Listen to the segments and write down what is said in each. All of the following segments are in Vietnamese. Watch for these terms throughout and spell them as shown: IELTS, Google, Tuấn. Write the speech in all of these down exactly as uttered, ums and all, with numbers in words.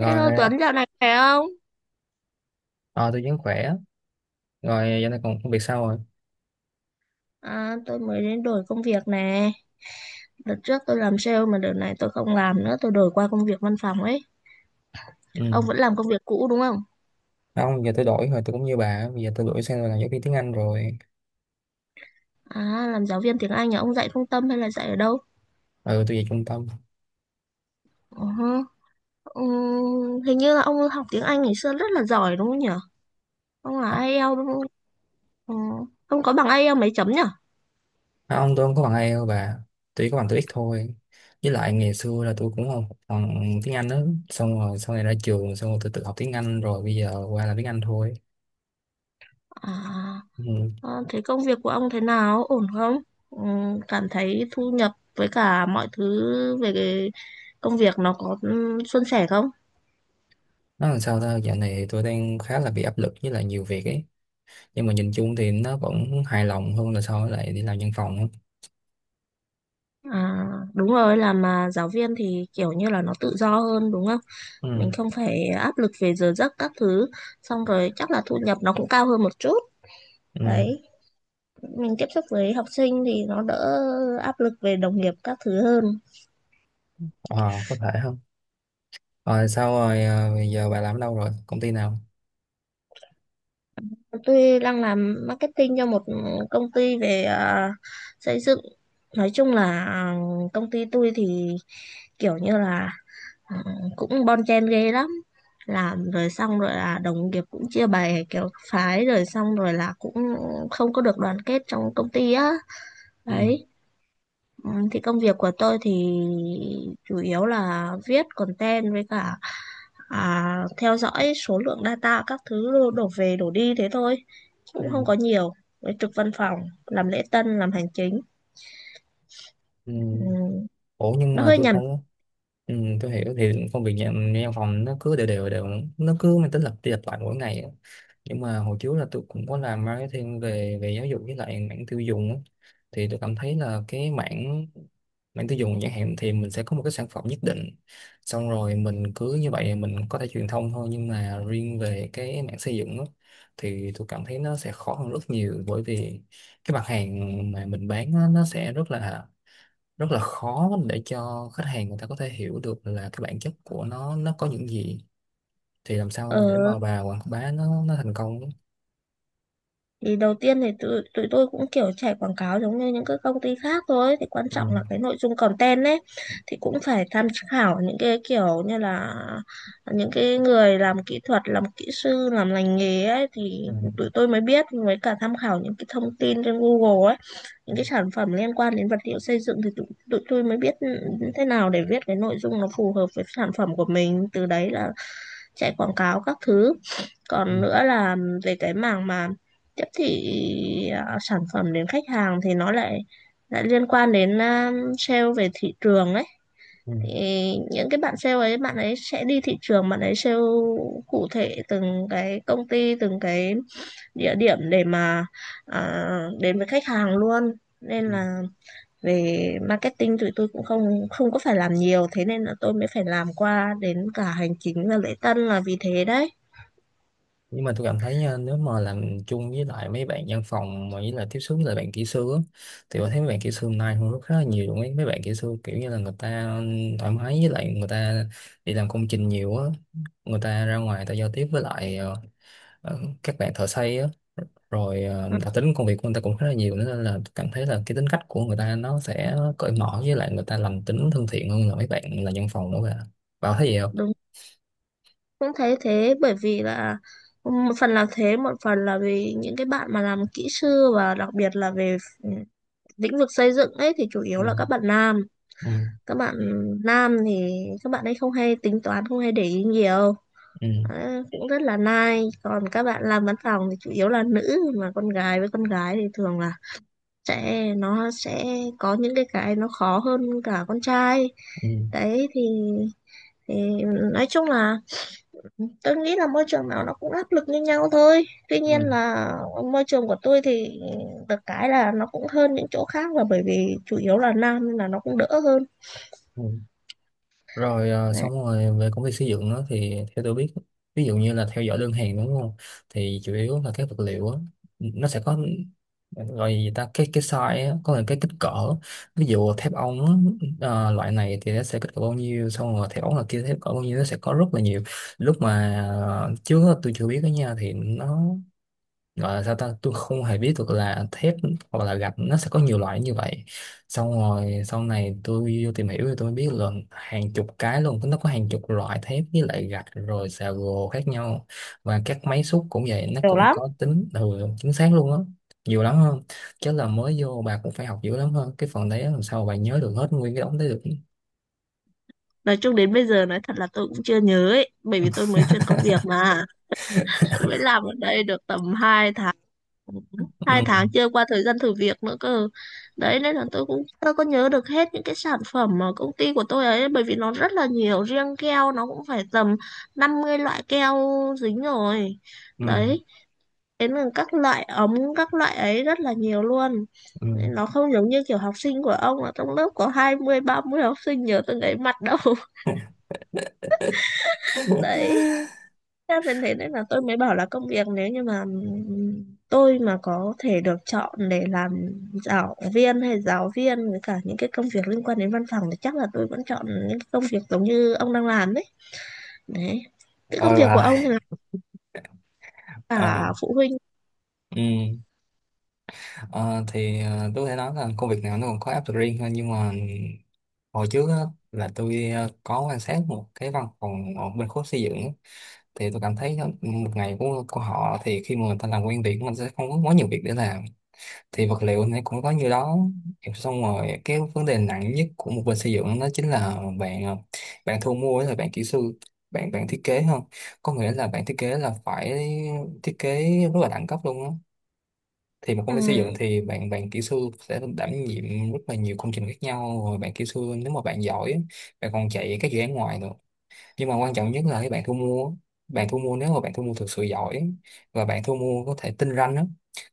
Hello Tuấn, dạo này khỏe không? ờ, tôi vẫn khỏe rồi. Giờ này còn công việc sao rồi? À, tôi mới đến đổi công việc nè. Đợt trước tôi làm sale mà đợt này tôi không làm nữa, tôi đổi qua công việc văn phòng ấy. Ừ, Ông vẫn làm công việc cũ đúng không? không, giờ tôi đổi rồi, tôi cũng như bà, bây giờ tôi đổi sang là giáo viên tiếng Anh rồi. À, làm giáo viên tiếng Anh à? Ông dạy trung tâm hay là dạy ở đâu? Ừ, tôi về trung tâm. Ờ hơ. Ừm, hình như là ông học tiếng Anh ngày xưa rất là giỏi đúng không nhỉ? Ông À, là IELTS đúng không? Ừ. Ông có bằng IELTS mấy chấm nhỉ? không, tôi không có bằng ai đâu bà, tôi chỉ có bằng TOEIC thôi. Với lại ngày xưa là tôi cũng không học bằng tiếng Anh đó, xong rồi sau này ra trường xong rồi tôi tự học tiếng Anh, rồi bây giờ qua là tiếng Anh thôi. À. Ừ. Ờ, thế công việc của ông thế nào? Ổn không? Ừ, cảm thấy thu nhập với cả mọi thứ về cái công việc nó có ừ, suôn sẻ không? Nó làm sao ta, dạo này tôi đang khá là bị áp lực với lại nhiều việc ấy, nhưng mà nhìn chung thì nó vẫn hài lòng hơn là so với lại đi làm văn phòng á. À, đúng rồi, làm mà giáo viên thì kiểu như là nó tự do hơn đúng không? Mình Ừ. không phải áp lực về giờ giấc các thứ, xong rồi chắc là thu nhập nó cũng cao hơn một chút. Ừ. Đấy, mình tiếp xúc với học sinh thì nó đỡ áp lực về đồng nghiệp các thứ hơn. Ờ, có thể không. Rồi sao rồi à, giờ bà làm ở đâu rồi? Công ty nào? Tôi đang làm marketing cho một công ty về à, xây dựng. Nói chung là à, công ty tôi thì kiểu như là ừ, cũng bon chen ghê lắm. Làm rồi xong rồi là đồng nghiệp cũng chia bè kiểu phái rồi xong rồi là cũng không có được đoàn kết trong công ty á. Ừ. Đấy. Ừ, thì công việc của tôi thì chủ yếu là viết content với cả à, theo dõi số lượng data các thứ đổ về đổ đi thế thôi. Chứ cũng không Ừ. có nhiều, với trực văn phòng làm lễ tân làm hành chính, Ừ. ừ, Ủa nhưng nó mà hơi tôi nhàm. thấy. Ừ, tôi hiểu, thì công việc nhà, nhà văn phòng nó cứ đều đều đều, nó cứ mang tính lặp đi lặp lại mỗi ngày á. Nhưng mà hồi trước là tôi cũng có làm marketing về về giáo dục với lại mảng tiêu dùng á. Thì tôi cảm thấy là cái mảng mảng tiêu dùng chẳng hạn thì mình sẽ có một cái sản phẩm nhất định, xong rồi mình cứ như vậy mình có thể truyền thông thôi, nhưng mà riêng về cái mảng xây dựng á, thì tôi cảm thấy nó sẽ khó hơn rất nhiều, bởi vì cái mặt hàng mà mình bán á, nó sẽ rất là rất là khó để cho khách hàng người ta có thể hiểu được là cái bản chất của nó nó có những gì. Thì làm Ờ, sao để mà bà quảng bá nó nó thành công? thì đầu tiên thì tụi, tụi tôi cũng kiểu chạy quảng cáo giống như những cái công ty khác thôi, thì quan Ừ. trọng là cái nội dung content ấy, thì cũng phải tham khảo những cái kiểu như là những cái người làm kỹ thuật làm kỹ sư làm lành nghề ấy Ừ. thì tụi tôi mới biết, với cả tham khảo những cái thông tin trên Google ấy, những Ừ. cái sản phẩm liên quan đến vật liệu xây dựng thì tụi, tụi tôi mới biết ừ, thế nào để viết cái nội dung nó phù hợp với sản phẩm của mình, từ đấy là chạy quảng cáo các thứ. Ừ. Còn nữa là về cái mảng mà tiếp thị à, sản phẩm đến khách hàng thì nó lại lại liên quan đến à, sale về thị trường ấy, Ừ. thì những cái bạn sale ấy bạn ấy sẽ đi thị trường bạn ấy sale cụ thể từng cái công ty từng cái địa điểm để mà à, đến với khách hàng luôn, nên Ừ. là về marketing tụi tôi cũng không không có phải làm nhiều, thế nên là tôi mới phải làm qua đến cả hành chính và lễ tân là vì thế đấy. Nhưng mà tôi cảm thấy nha, nếu mà làm chung với lại mấy bạn văn phòng mà với lại tiếp xúc với lại bạn kỹ sư á, thì tôi thấy mấy bạn kỹ sư nay hôn rất là nhiều luôn ấy, mấy bạn kỹ sư kiểu như là người ta thoải mái với lại người ta đi làm công trình nhiều á, người ta ra ngoài người ta giao tiếp với lại ờ, ờ, các bạn thợ xây á, rồi ờ, Ừ, đặc tính công việc của người ta cũng khá là nhiều nữa, nên là cảm thấy là cái tính cách của người ta nó sẽ cởi mở, với lại người ta lành tính thân thiện hơn là mấy bạn là nhân phòng nữa cả. Bảo thấy gì không? đúng, cũng thấy thế, bởi vì là một phần là thế, một phần là vì những cái bạn mà làm kỹ sư và đặc biệt là về ph- lĩnh vực xây dựng ấy thì chủ yếu Ừ. là các bạn nam, Ừ. các bạn nam thì các bạn ấy không hay tính toán không hay để ý nhiều. Ừ. Đấy, cũng rất là nai, còn các bạn làm văn phòng thì chủ yếu là nữ, mà con gái với con gái thì thường là sẽ nó sẽ có những cái cái nó khó hơn cả con trai Ừ. đấy, thì thì nói chung là tôi nghĩ là môi trường nào nó cũng áp lực như nhau thôi, tuy Ừ. nhiên là môi trường của tôi thì được cái là nó cũng hơn những chỗ khác là bởi vì chủ yếu là nam nên là nó cũng đỡ hơn. Ừ. Rồi ờ, Đấy, xong rồi về công việc xây dựng á, thì theo tôi biết, ví dụ như là theo dõi đơn hàng đúng không, thì chủ yếu là các vật liệu á, nó sẽ có, gọi gì ta, cái cái size á, có là cái kích cỡ. Ví dụ thép ống á, ờ, loại này thì nó sẽ kích cỡ bao nhiêu, xong rồi thép ống là kia thép cỡ bao nhiêu, nó sẽ có rất là nhiều. Lúc mà ờ, trước á, tôi chưa biết đó nha, thì nó gọi là sao ta, tôi không hề biết được là thép hoặc là gạch nó sẽ có nhiều loại như vậy. Xong rồi sau này tôi vô tìm hiểu thì tôi mới biết là hàng chục cái luôn, nó có hàng chục loại thép với lại gạch rồi xà gồ khác nhau. Và các máy xúc cũng vậy, nó nhiều cũng lắm. có tính ừ, chính xác luôn á, nhiều lắm hơn, chứ là mới vô bà cũng phải học dữ lắm hơn cái phần đấy á, làm sao bà nhớ được hết nguyên cái đống đấy được? Nói chung đến bây giờ nói thật là tôi cũng chưa nhớ ấy, bởi vì tôi mới chuyển công việc mà, tôi mới làm ở đây được tầm hai tháng, hai Ừ. tháng chưa qua thời gian thử việc nữa cơ, đấy nên là tôi cũng tôi có nhớ được hết những cái sản phẩm mà công ty của tôi ấy bởi vì nó rất là nhiều, riêng keo nó cũng phải tầm năm mươi loại keo dính rồi, Ừ. đấy, đến là các loại ống các loại ấy rất là nhiều luôn. Ừ. Nên nó không giống như kiểu học sinh của ông là trong lớp có hai mươi ba mươi học sinh nhớ từng ấy mặt đâu. Đấy, Thế nên thế nên là tôi mới bảo là công việc, nếu như mà ừm, tôi mà có thể được chọn để làm giáo viên, hay giáo viên với cả những cái công việc liên quan đến văn phòng, thì chắc là tôi vẫn chọn những cái công việc giống như ông đang làm đấy. Đấy. Cái công Ôi việc của bà. ông thì là À, cả phụ huynh. ừ. Ờ, thì ờ, tôi có thể nói là công việc nào nó còn có áp lực riêng thôi, nhưng mà hồi trước á, là tôi ờ, có quan sát một cái văn phòng ở bên khối xây dựng á. Thì tôi cảm thấy nó- một ngày của của họ thì khi mà người ta làm quen việc mình sẽ không có quá nhiều việc để làm. Thì vật liệu này cũng có như đó, xong rồi cái vấn đề nặng nhất của một bên xây dựng đó chính là bạn ờ, bạn thu mua, là bạn kỹ sư, bạn bạn thiết kế không. Có nghĩa là bạn thiết kế là phải thiết kế rất là đẳng cấp luôn á. Thì một Ừ. công ty xây dựng thì bạn bạn kỹ sư sẽ đảm nhiệm rất là nhiều công trình khác nhau, rồi bạn kỹ sư, nếu mà bạn giỏi á, bạn còn chạy các dự án ngoài nữa. Nhưng mà quan trọng nhất là cái bạn thu mua bạn thu mua, nếu mà bạn thu mua thực sự giỏi và bạn thu mua có thể tinh ranh á,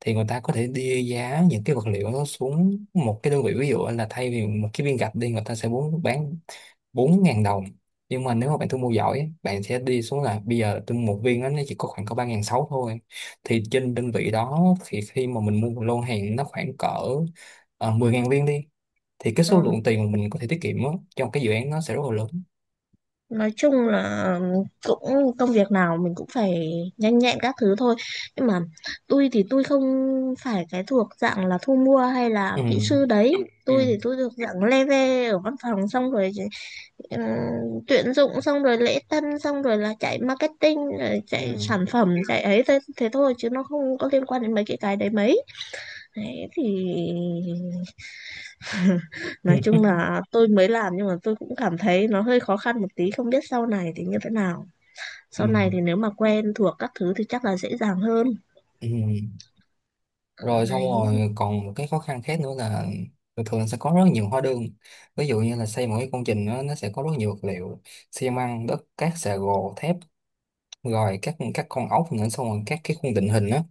thì người ta có thể đưa giá những cái vật liệu đó xuống một cái đơn vị, ví dụ là thay vì một cái viên gạch đi người ta sẽ muốn bán bốn ngàn đồng. Nhưng mà nếu mà bạn thu mua giỏi á, bạn sẽ đi xuống là bây giờ tôi mua một viên á, nó chỉ có khoảng có ba ngàn sáu thôi. Thì trên đơn vị đó thì khi mà mình mua một lô hàng nó khoảng cỡ uh, mười ngàn viên đi, thì cái số Ừ. lượng tiền mà mình có thể tiết kiệm á, trong cái dự án nó sẽ rất là lớn. Nói chung là cũng công việc nào mình cũng phải nhanh nhẹn các thứ thôi, nhưng mà tôi thì tôi không phải cái thuộc dạng là thu mua hay là Ừ. kỹ sư đấy, tôi Ừ. thì tôi thuộc dạng leve ở văn phòng xong rồi ừm, tuyển dụng xong rồi lễ tân xong rồi là chạy marketing rồi chạy Ừ. sản phẩm chạy ấy, thế, thế thôi chứ nó không có liên quan đến mấy cái cái đấy mấy, đấy thì nói Ừ. chung là tôi mới làm nhưng mà tôi cũng cảm thấy nó hơi khó khăn một tí, không biết sau này thì như thế nào, sau Ừ. này thì nếu mà quen thuộc các thứ thì chắc là dễ dàng hơn. Ừ. Rồi xong Đấy. rồi còn một cái khó khăn khác nữa là thường thường sẽ có rất nhiều hóa đơn. Ví dụ như là xây một cái công trình đó, nó sẽ có rất nhiều vật liệu: xi măng, đất, cát, xà gồ, thép, rồi các các con ốc nữa, xong rồi các cái khung định hình á.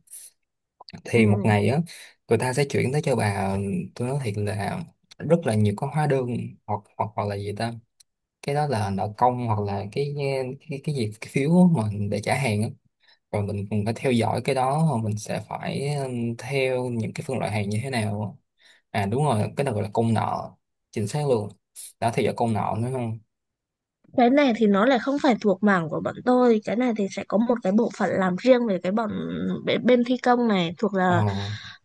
Ừ. Thì một ngày á, người ta sẽ chuyển tới cho bà, tôi nói thiệt là rất là nhiều con hóa đơn, hoặc hoặc hoặc là gì ta, cái đó là nợ công, hoặc là cái cái cái gì cái phiếu mà để trả hàng á. Rồi mình cũng phải theo dõi cái đó, rồi mình sẽ phải ừm, theo những cái phân loại hàng như thế nào. À đúng rồi, cái đó gọi là công nợ, chính xác luôn, đã theo dõi công nợ nữa không. Cái này thì nó lại không phải thuộc mảng của bọn tôi. Cái này thì sẽ có một cái bộ phận làm riêng về cái bọn bên, bên thi công, này thuộc Ờ. là,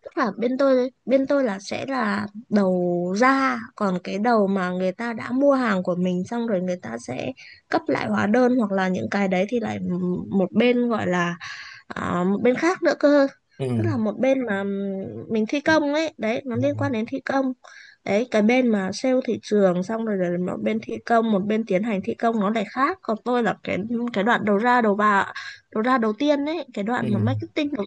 tức là bên tôi bên tôi là sẽ là đầu ra, còn cái đầu mà người ta đã mua hàng của mình xong rồi người ta sẽ cấp lại hóa đơn hoặc là những cái đấy thì lại một bên gọi là à, một bên khác nữa cơ, tức Ừ. là một bên mà ừm, mình thi công ấy, đấy nó Ừ. liên quan đến thi công đấy, cái bên mà sale thị trường xong rồi là một bên thi công, một bên tiến hành thi công nó lại khác, còn tôi là cái cái đoạn đầu ra đầu vào, đầu ra đầu tiên ấy, cái Ừ. đoạn mà marketing đầu,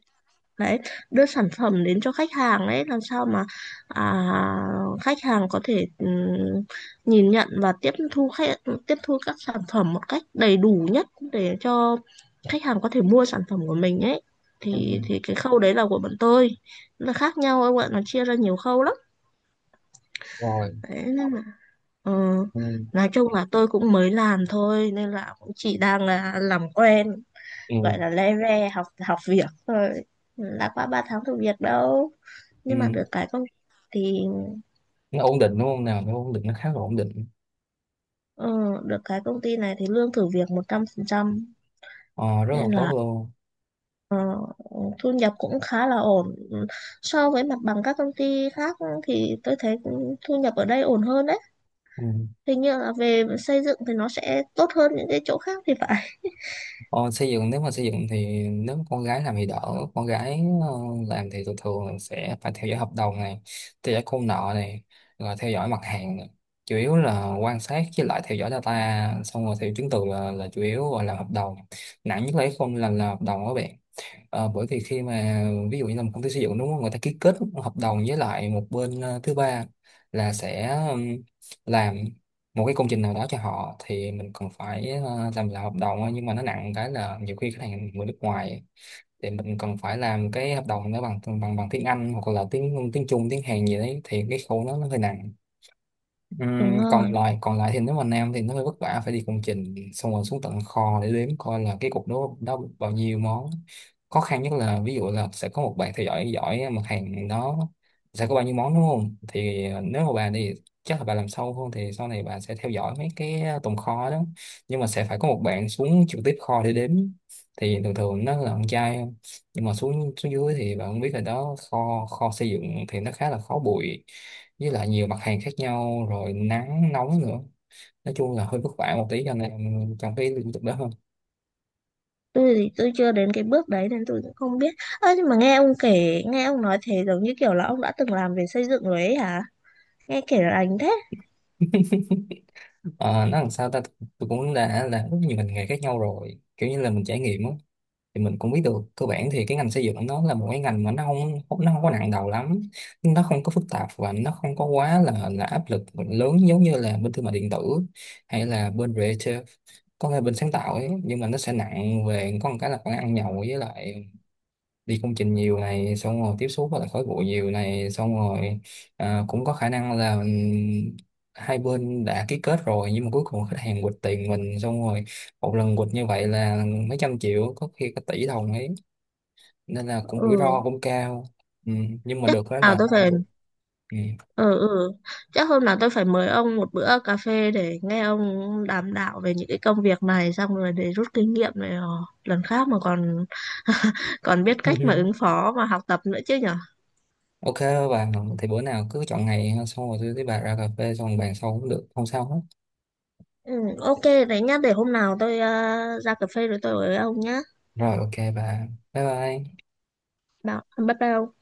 đấy, đưa sản phẩm đến cho khách hàng ấy làm sao mà à, khách hàng có thể ừm, nhìn nhận và tiếp thu khách tiếp thu các sản phẩm một cách đầy đủ nhất để cho khách hàng có thể mua sản phẩm của mình ấy, Ừ. thì thì cái khâu đấy là của bọn tôi. Nó khác nhau, các bạn nó chia ra nhiều khâu lắm Rồi. đấy, nên là ờ, Ừ. nói chung là tôi cũng mới làm thôi nên là cũng chỉ đang là làm quen, Ừ. gọi là le ve học học việc thôi, đã qua ba tháng thử việc đâu, Ừ. nhưng mà được cái công thì Nó ổn định đúng không nào, nó ổn định, nó khá là ổn định. ờ, được cái công ty này thì lương thử việc một trăm phần trăm, Ờ, rất là nên tốt là luôn. ờ, thu nhập cũng khá là ổn. Ừ, so với mặt bằng các công ty khác thì tôi thấy cũng thu nhập ở đây ổn hơn đấy, Ừ. hình như là về xây dựng thì nó sẽ tốt hơn những cái chỗ khác thì phải. Ờ, xây dựng, nếu mà xây dựng thì nếu con gái làm thì đỡ, con gái ờ, làm thì thường thường là sẽ phải theo dõi hợp đồng này, theo dõi công nợ này, rồi theo dõi mặt hàng này. Chủ yếu là quan sát với lại theo dõi data, xong rồi theo chứng từ là, là chủ yếu, rồi làm hợp đồng. Nặng nhất là không, làm là hợp đồng các bạn. Ờ, bởi vì khi mà, ví dụ như là một công ty xây dựng đúng không, người ta ký kết hợp đồng với lại một bên ờ, thứ ba, là sẽ ừm, làm một cái công trình nào đó cho họ, thì mình còn phải ờ, làm là hợp đồng thôi. Nhưng mà nó nặng cái là nhiều khi khách hàng người nước ngoài thì mình cần phải làm cái hợp đồng nó bằng bằng bằng tiếng Anh, hoặc là tiếng tiếng Trung, tiếng Hàn gì đấy, thì cái khâu nó nó hơi nặng. Đúng Ừm, còn rồi, lại còn lại thì nếu mà nam thì nó hơi vất vả, phải đi công trình xong rồi xuống tận kho để đếm coi là cái cục đó đó bao nhiêu món. Khó khăn nhất là ví dụ là sẽ có một bạn theo dõi giỏi mặt hàng đó sẽ có bao nhiêu món đúng không, thì ờ, nếu mà bà thì chắc là bà làm sâu hơn, thì sau này bà sẽ theo dõi mấy cái ờ, tồn kho đó. Nhưng mà sẽ phải có một bạn xuống trực tiếp kho để đếm, thì thường thường nó là con trai không. Nhưng mà xuống xuống dưới thì bạn cũng biết là đó, kho kho xây dựng thì nó khá là khó bụi, với lại nhiều mặt hàng khác nhau, rồi nắng nóng nữa. Nói chung là hơi vất vả một tí, cho nên trong cái lĩnh vực đó hơn. tôi thì tôi chưa đến cái bước đấy nên tôi cũng không biết. Ơ nhưng mà nghe ông kể, nghe ông nói thế giống như kiểu là ông đã từng làm về xây dựng rồi ấy hả, nghe kể là anh thế. Ờ, nó làm sao ta, tôi cũng đã làm rất nhiều ngành nghề khác nhau rồi, kiểu như là mình trải nghiệm á. Thì mình cũng biết được cơ bản thì cái ngành xây dựng nó là một cái ngành mà nó không nó không có nặng đầu lắm, nó không có phức tạp và nó không có quá là là áp lực lớn, giống như là bên thương mại điện tử hay là bên creative, có thể bên sáng tạo ấy. Nhưng mà nó sẽ nặng về có một cái là khoản ăn nhậu, với lại đi công trình nhiều này, xong rồi tiếp xúc với lại khói bụi nhiều này, xong rồi à, cũng có khả năng là ừm, hai bên đã ký kết rồi nhưng mà cuối cùng khách hàng quỵt tiền mình xong rồi. Một lần quỵt như vậy là mấy trăm triệu, có khi cả tỷ đồng ấy, nên là cũng rủi Ừ, ro cũng cao. Ừ. Nhưng mà chắc được đó à là tôi nó không phải, được. Ừ. ừ ừ chắc hôm nào tôi phải mời ông một bữa cà phê để nghe ông đàm đạo về những cái công việc này, xong rồi để rút kinh nghiệm này, ờ, lần khác mà còn còn biết cách mà ứng phó mà học tập nữa chứ nhở. OK bà, thì bữa nào cứ chọn ngày ha, xong rồi tôi với bà ra cà phê xong bàn sau cũng được, không sao hết. Ừ, ok, đấy nhá, để hôm nào tôi ờ, ra cà phê rồi tôi ở với ông nhá. Rồi, OK bà, bye bye. Bảo, bye bye ông.